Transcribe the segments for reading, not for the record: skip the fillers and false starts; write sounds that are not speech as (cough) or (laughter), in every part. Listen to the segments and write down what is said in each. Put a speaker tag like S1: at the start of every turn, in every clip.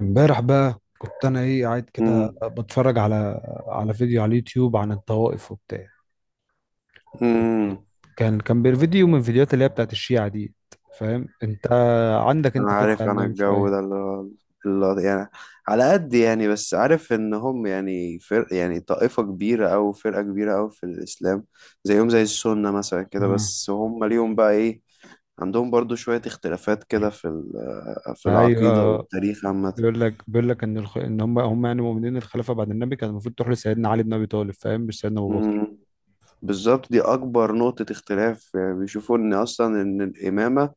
S1: امبارح بقى كنت انا ايه قاعد كده
S2: امم
S1: بتفرج على فيديو على اليوتيوب عن الطوائف وبتاع.
S2: امم
S1: فيديو من الفيديوهات اللي هي بتاعت الشيعة دي. فاهم انت؟ عندك
S2: انا
S1: انت فكرة
S2: عارف انا
S1: عندهم
S2: الجو ده
S1: شوية؟
S2: اللي يعني على قد يعني، بس عارف ان هم يعني فرق، يعني طائفة كبيرة او فرقة كبيرة او في الاسلام، زيهم زي السنة مثلا كده.
S1: آه.
S2: بس هم ليهم بقى ايه؟ عندهم برضو شوية اختلافات كده في في العقيدة
S1: ايوه،
S2: والتاريخ
S1: بيقول لك ان ان هم يعني مؤمنين الخلافة بعد النبي كان المفروض تروح لسيدنا علي بن ابي طالب، فاهم؟ مش سيدنا ابو بكر.
S2: عامة. بالظبط، دي أكبر نقطة اختلاف، يعني بيشوفوا إن أصلا إن الإمامة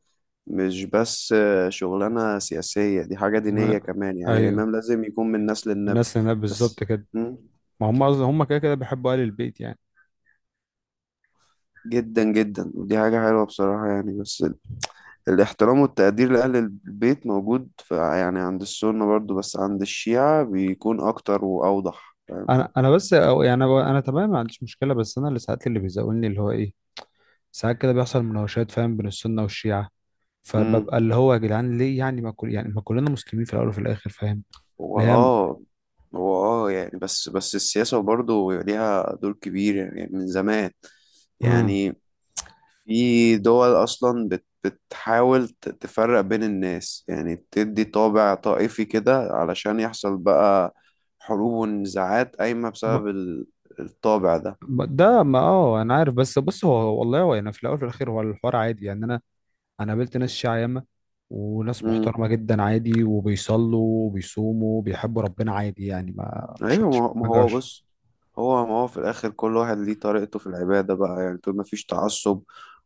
S2: مش بس شغلانة سياسية، دي حاجة دينية
S1: آه.
S2: كمان، يعني
S1: ايوه،
S2: الإمام لازم يكون من نسل النبي.
S1: الناس هنا بالظبط
S2: بس.
S1: كده.
S2: مم.
S1: ما هم هم كده كده بيحبوا آل البيت يعني.
S2: جدا جدا، ودي حاجة حلوة بصراحة يعني، بس الاحترام والتقدير لأهل البيت موجود، يعني عند السنة برضو، بس عند الشيعة بيكون أكتر وأوضح فاهم.
S1: انا بس أو يعني انا تمام، ما عنديش مشكله. بس انا اللي ساعات اللي بيزاولني اللي هو ايه، ساعات كده بيحصل مناوشات، فاهم؟ بين السنة والشيعة،
S2: مم.
S1: فببقى اللي هو يا جدعان ليه يعني؟ ما كل ما كلنا مسلمين في الأول وفي الآخر، فاهم؟
S2: هو
S1: اللي هي م-
S2: اه هو اه يعني، بس السياسة برضه ليها دور كبير يعني من زمان،
S1: امم
S2: يعني في دول أصلا بتحاول تفرق بين الناس، يعني بتدي طابع طائفي كده علشان يحصل بقى حروب ونزاعات قايمة بسبب الطابع ده.
S1: ده ما اه أنا عارف. بس بص، هو والله هو يعني في الأول وفي الآخر هو الحوار عادي. يعني أنا قابلت ناس شيعة ياما، وناس
S2: مم.
S1: محترمة جدا عادي، وبيصلوا وبيصوموا وبيحبوا ربنا عادي. يعني ما ما
S2: أيوة، ما
S1: شفتش
S2: هو ما
S1: ما
S2: هو
S1: جاش.
S2: بص، هو ما هو في الآخر كل واحد ليه طريقته في العبادة بقى، يعني طول ما فيش تعصب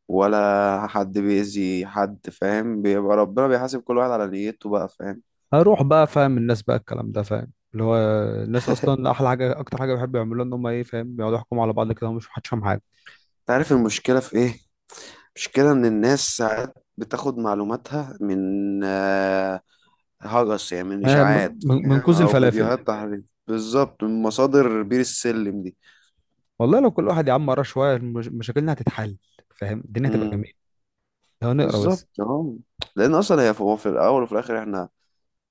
S2: ولا حد بيأذي حد فاهم، بيبقى ربنا بيحاسب كل واحد على نيته بقى فاهم.
S1: هروح بقى فاهم الناس بقى الكلام ده، فاهم اللي هو الناس اصلا احلى حاجه اكتر حاجه بيحبوا يعملوها ان هم ايه، فاهم؟ بيقعدوا يحكموا على بعض كده ومش محدش فاهم حاجه.
S2: تعرف المشكلة في إيه؟ المشكلة إن الناس ساعات بتاخد معلوماتها من آه، هجس، يعني من
S1: آه،
S2: اشاعات
S1: من
S2: فاهم،
S1: كوز
S2: او
S1: الفلافل.
S2: فيديوهات تحريض، بالظبط، من مصادر بير السلم دي.
S1: والله لو كل واحد يا عم قرا شويه مشاكلنا هتتحل، فاهم؟ الدنيا هتبقى
S2: امم
S1: جميله لو نقرا بس.
S2: بالظبط. اه لان اصلا، هو في الاول وفي الاخر احنا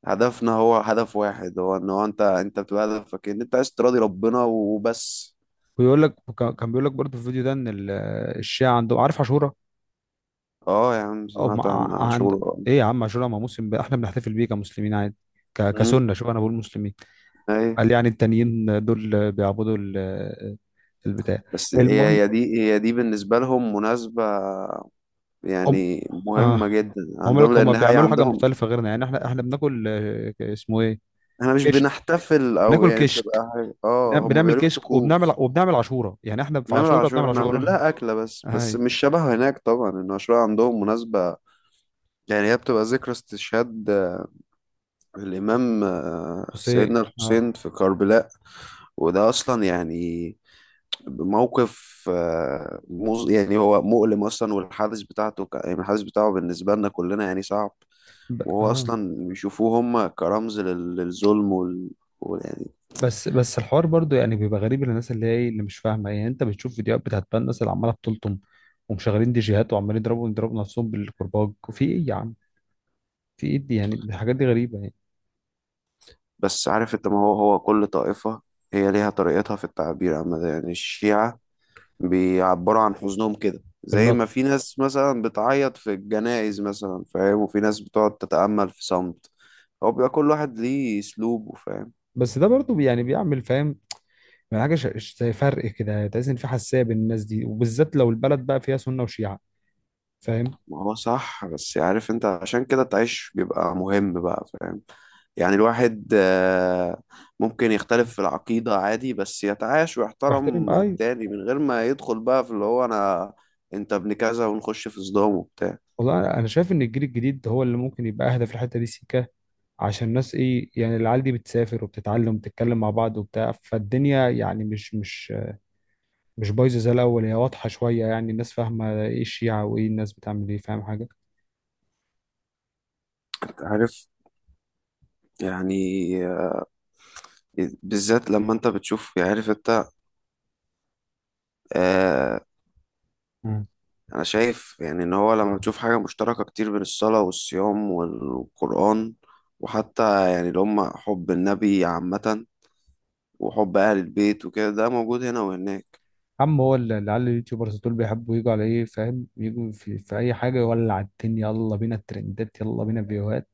S2: هدفنا هو هدف واحد، هو ان هو انت بتبقى هدفك ان انت عايز تراضي ربنا وبس.
S1: ويقول لك كان بيقول لك برضه في الفيديو ده ان الشيعه عندهم، عارف عاشوراء؟
S2: اه يا عم،
S1: او
S2: سمعت عن عن
S1: عند،
S2: شغل.
S1: ايه يا عم عاشوراء؟ ما مسلم بقى، احنا بنحتفل بيه كمسلمين عادي.
S2: امم
S1: كسنه، شوف انا بقول مسلمين.
S2: ايوه،
S1: قال يعني التانيين دول بيعبدوا البتاع.
S2: بس هي
S1: المهم،
S2: هي دي هي دي بالنسبه لهم مناسبه،
S1: أم،
S2: يعني مهمه
S1: اه،
S2: جدا
S1: هم
S2: عندهم
S1: لك هم
S2: لان هي
S1: بيعملوا حاجه
S2: عندهم.
S1: مختلفه غيرنا. يعني احنا بناكل آه، اسمه ايه،
S2: احنا مش
S1: كش،
S2: بنحتفل، او
S1: بناكل
S2: يعني
S1: كش.
S2: بتبقى هم
S1: بنعمل
S2: بيبقى لهم
S1: كشك،
S2: طقوس.
S1: وبنعمل عاشورة. يعني احنا في
S2: نمر
S1: عاشورة
S2: عاشور
S1: بنعمل
S2: احنا عاملين
S1: عاشورة.
S2: لها أكلة، بس
S1: هاي
S2: مش شبهه هناك طبعا، إن عاشور عندهم مناسبة، يعني هي بتبقى ذكرى استشهاد الإمام،
S1: حسين.
S2: سيدنا
S1: اه.
S2: الحسين في كربلاء. وده أصلا يعني موقف، يعني هو مؤلم أصلا، والحادث بتاعته يعني الحادث بتاعه بالنسبة لنا كلنا يعني صعب. وهو
S1: اه.
S2: أصلا بيشوفوه هم كرمز للظلم، يعني.
S1: بس بس الحوار برضو يعني بيبقى غريب للناس اللي هي إيه، اللي مش فاهمة. يعني انت بتشوف فيديوهات بتاعت بقى الناس اللي عمالة بتلطم ومشغلين دي جيهات وعمالين يضربوا نفسهم بالكرباج، وفي ايه يا عم؟ في ايه دي يعني؟ الحاجات دي غريبة يعني.
S2: بس عارف أنت، ما هو كل طائفة هي ليها طريقتها في التعبير، عن يعني الشيعة بيعبروا عن حزنهم كده زي ما
S1: باللط،
S2: في ناس مثلا بتعيط في الجنائز مثلا فاهم، وفي ناس بتقعد تتأمل في صمت. هو بيبقى كل واحد ليه أسلوبه فاهم.
S1: بس ده برضو يعني بيعمل، فاهم؟ يعني حاجة زي فرق كده، تحس ان في حساسية بين الناس دي، وبالذات لو البلد بقى فيها سنة وشيعة، فاهم؟
S2: ما هو صح، بس عارف أنت، عشان كده تعيش بيبقى مهم بقى فاهم. يعني الواحد ممكن يختلف في العقيدة عادي، بس يتعايش
S1: واحترم،
S2: ويحترم
S1: ايوه.
S2: التاني من غير ما يدخل بقى في اللي هو أنا أنت ابن كذا، ونخش في صدام وبتاع.
S1: والله انا شايف ان الجيل الجديد هو اللي ممكن يبقى اهدى في الحته دي سيكا. عشان الناس ايه يعني، العيال دي بتسافر وبتتعلم وبتتكلم مع بعض وبتاع، فالدنيا يعني مش بايظه زي الاول، هي واضحه شويه. يعني الناس فاهمه ايه الشيعه وايه الناس بتعمل ايه، فاهم حاجه؟
S2: أنت عارف، يعني آه، بالذات لما أنت بتشوف، يعني عارف، آه،
S1: مم.
S2: أنا شايف يعني إن هو لما بتشوف حاجة مشتركة كتير بين الصلاة والصيام والقرآن، وحتى يعني اللي هم حب النبي عامة، وحب أهل البيت وكده، ده موجود هنا وهناك.
S1: عم هو العيال اليوتيوبرز دول بيحبوا يجوا على ايه، فاهم؟ يجوا في, في اي حاجه يولع الدنيا، يلا بينا الترندات، يلا بينا فيوهات،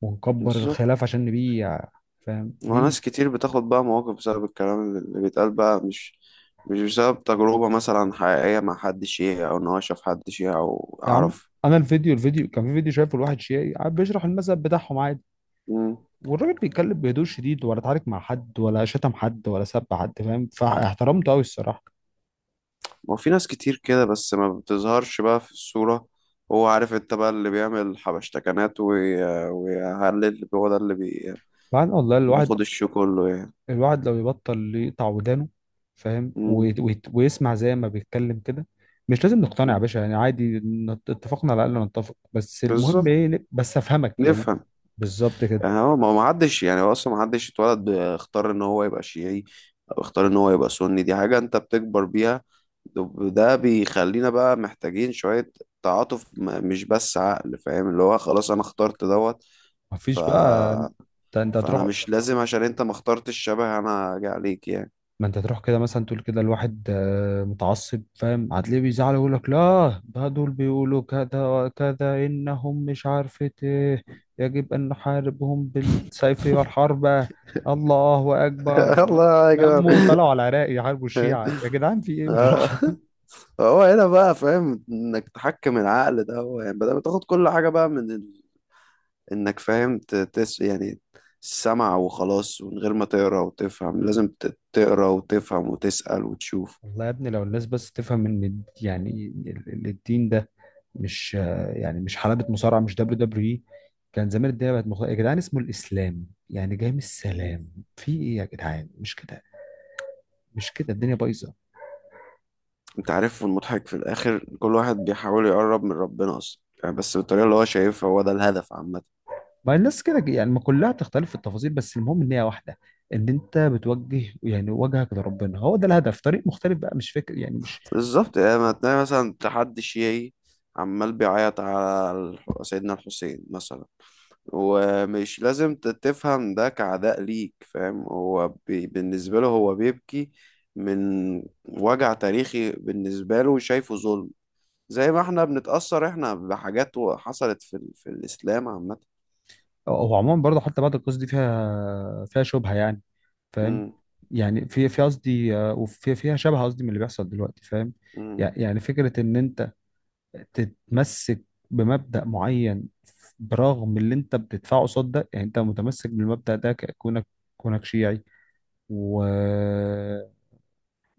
S1: ونكبر
S2: بالظبط.
S1: الخلاف عشان نبيع، فاهم؟ بيع.
S2: وناس كتير بتاخد بقى مواقف بسبب الكلام اللي بيتقال بقى، مش بسبب تجربة مثلا حقيقية مع حد شيعي، أو إن هو شاف حد شيعي أو
S1: يا عم
S2: عرف.
S1: انا الفيديو كان في فيديو شايفه لواحد شيعي قاعد بيشرح المذهب بتاعهم عادي،
S2: مم.
S1: والراجل بيتكلم بهدوء شديد، ولا اتعارك مع حد، ولا شتم حد، ولا سب حد، فاهم؟ فاحترمته قوي الصراحه.
S2: ما في ناس كتير كده، بس ما بتظهرش بقى في الصورة. هو عارف انت بقى اللي بيعمل حبشتكنات ويهلل، هو ده اللي
S1: بعدين والله
S2: بياخد الشو كله يعني.
S1: الواحد لو يبطل يقطع ودانه، فاهم؟
S2: مم.
S1: ويسمع زي ما بيتكلم كده. مش لازم نقتنع يا باشا، يعني عادي، اتفقنا على الاقل نتفق، بس المهم
S2: بالظبط.
S1: ايه، بس افهمك يعني.
S2: نفهم.
S1: بالظبط كده.
S2: يعني هو، ما حدش، يعني هو اصلا ما حدش اتولد اختار ان هو يبقى شيعي، او اختار ان هو يبقى سني، دي حاجة انت بتكبر بيها. ده بيخلينا بقى محتاجين شوية تعاطف، مش بس عقل فاهم، اللي هو خلاص انا اخترت دوت. ف
S1: مفيش بقى، انت
S2: فانا
S1: هتروح،
S2: مش لازم، عشان انت ما اخترتش شبه انا، اجي عليك يعني.
S1: ما انت تروح كده مثلا تقول كده الواحد متعصب، فاهم؟ هتلاقيه بيزعل ويقول لك لا، ده دول بيقولوا كذا وكذا انهم مش عارفة ايه، يجب ان نحاربهم بالسيف والحرب، الله
S2: (laughs)
S1: اكبر، والناس
S2: الله
S1: اتلموا
S2: اكبر.
S1: وطلعوا على العراق يحاربوا الشيعة. يا جدعان في ايه؟
S2: آه،
S1: بالراحة.
S2: هو هنا بقى فاهم، انك تحكم العقل ده هو، يعني بدل ما تاخد كل حاجة بقى انك فاهم، ت- تس يعني السمع وخلاص من غير ما تقرا وتفهم، لازم تقرا وتفهم وتسأل وتشوف.
S1: (laughs) والله يا ابني لو الناس بس تفهم ان يعني الدين ده مش، يعني مش حلبة مصارعة، مش دبليو دبليو اي كان زمان. الدنيا بقت مختلفة يا جدعان. اسمه الإسلام يعني جاي من
S2: مهم.
S1: السلام. في إيه يا جدعان، مش كده؟ مش كده الدنيا بايظة.
S2: انت عارف المضحك في الاخر، كل واحد بيحاول يقرب من ربنا اصلا يعني، بس بالطريقة اللي هو شايفها، هو ده الهدف عامة.
S1: ما الناس كده يعني، ما كلها تختلف في التفاصيل، بس المهم إن هي واحدة، إن أنت بتوجه يعني وجهك لربنا، هو ده الهدف. طريق مختلف بقى، مش فكر يعني مش.
S2: بالظبط، يعني ما تلاقي مثلا تحدي شيعي عمال بيعيط على سيدنا الحسين مثلا، ومش لازم تفهم ده كعداء ليك فاهم، هو بالنسبة له هو بيبكي من وجع تاريخي، بالنسبة له شايفه ظلم، زي ما احنا بنتأثر احنا بحاجات حصلت في الإسلام عامة.
S1: هو عموما برضه حتى بعد القصة دي فيها شبهة يعني، فاهم؟
S2: مم.
S1: يعني في في قصدي آه، فيها شبهة قصدي من اللي بيحصل دلوقتي، فاهم؟
S2: مم.
S1: يعني يعني فكرة إن أنت تتمسك بمبدأ معين برغم اللي انت بتدفعه قصاد ده، يعني انت متمسك بالمبدأ ده، كونك كونك شيعي، ومع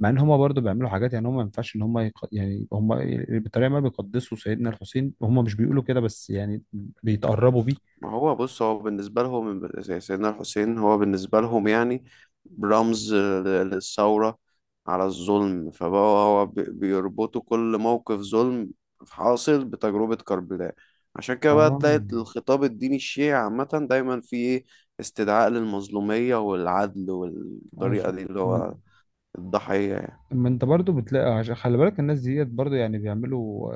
S1: ان هما برضو بيعملوا حاجات. يعني هما ما ينفعش ان هما يعني هما بالطريقه ما بيقدسوا سيدنا الحسين، هما مش بيقولوا كده بس، يعني بيتقربوا بيه.
S2: ما هو بص، هو بالنسبة لهم زي سيدنا الحسين، هو بالنسبة لهم يعني رمز للثورة على الظلم، فبقى هو بيربطوا كل موقف ظلم حاصل بتجربة كربلاء. عشان كده بقى
S1: اه
S2: تلاقي الخطاب الديني الشيعي عامة دايما فيه استدعاء للمظلومية والعدل، والطريقة
S1: عشان
S2: دي اللي
S1: ما،
S2: هو الضحية يعني.
S1: ما انت برضو بتلاقي، عشان خلي بالك الناس ديت برضو يعني بيعملوا.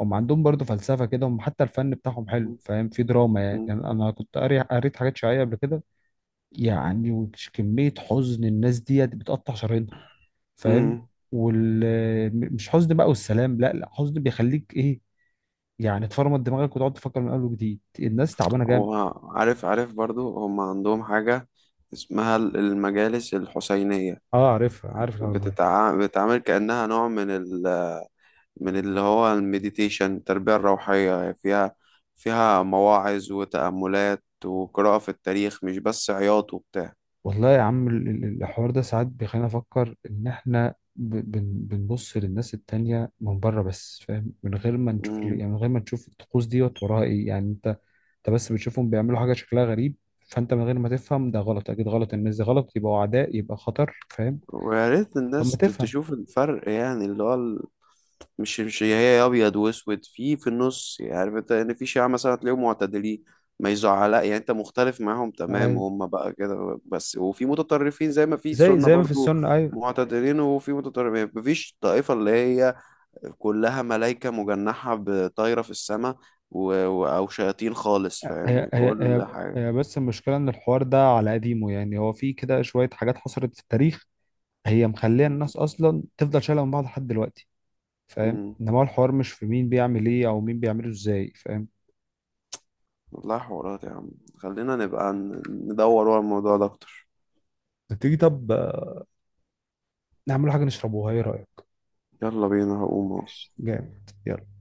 S1: هم عندهم برضه فلسفة كده، هم حتى الفن بتاعهم حلو، فاهم؟ في دراما يعني,
S2: مم.
S1: يعني أنا كنت قاري قريت حاجات شيعية قبل كده. يعني كمية حزن الناس ديت بتقطع شرايينها، فاهم؟
S2: مم.
S1: وال مش حزن بقى والسلام، لا لا، حزن بيخليك إيه، يعني تفرمط دماغك وتقعد تفكر من أول وجديد. الناس تعبانة جامد.
S2: هو عارف برضو، هم عندهم حاجة اسمها المجالس الحسينية،
S1: اه عارفها، عارف الحوار ده.
S2: بتتعامل كأنها نوع من اللي هو المديتيشن، التربية الروحية يعني، فيها مواعظ وتأملات وقراءة في التاريخ، مش بس عياط وبتاع.
S1: والله يا عم الحوار ده ساعات بيخلينا نفكر إن إحنا بنبص للناس التانية من بره بس، فاهم؟ من غير ما نشوف
S2: مم.
S1: يعني من غير ما نشوف الطقوس ديت وراها إيه يعني. انت بس بتشوفهم بيعملوا حاجه شكلها غريب، فانت من غير ما تفهم ده غلط، اكيد غلط، الناس دي غلط، يبقوا اعداء، يبقى خطر، فاهم؟
S2: ويا ريت
S1: طب ما
S2: الناس
S1: تفهم.
S2: تشوف الفرق، يعني اللي هو مش هي أبيض وأسود في النص يعني، عارف أنت إن في شيعة مثلا تلاقيهم معتدلين، ما يزعل يعني أنت مختلف معاهم تمام
S1: ايوه،
S2: وهم بقى كده بس، وفي متطرفين زي ما في
S1: زي
S2: سنة
S1: ما في
S2: برضو،
S1: السنه، ايوه.
S2: معتدلين وفي متطرفين. مفيش طائفة اللي هي كلها ملايكة مجنحة بطايرة في السماء، أو شياطين خالص
S1: هي
S2: فاهم
S1: هي هي
S2: كل حاجة.
S1: هي بس المشكله ان الحوار ده على قديمه، يعني هو في كده شويه حاجات حصلت في التاريخ هي مخليه
S2: مم.
S1: الناس اصلا تفضل شايله من بعض لحد دلوقتي، فاهم؟
S2: مم.
S1: انما هو الحوار مش في مين بيعمل ايه او مين بيعمله ازاي، فاهم؟
S2: والله حوارات يا عم، خلينا نبقى ندور ورا الموضوع ده أكتر.
S1: ما تيجي طب آه، نعمل حاجه نشربوها، ايه رايك؟
S2: يلا بينا، هقوم أهو.
S1: جامد، يلا.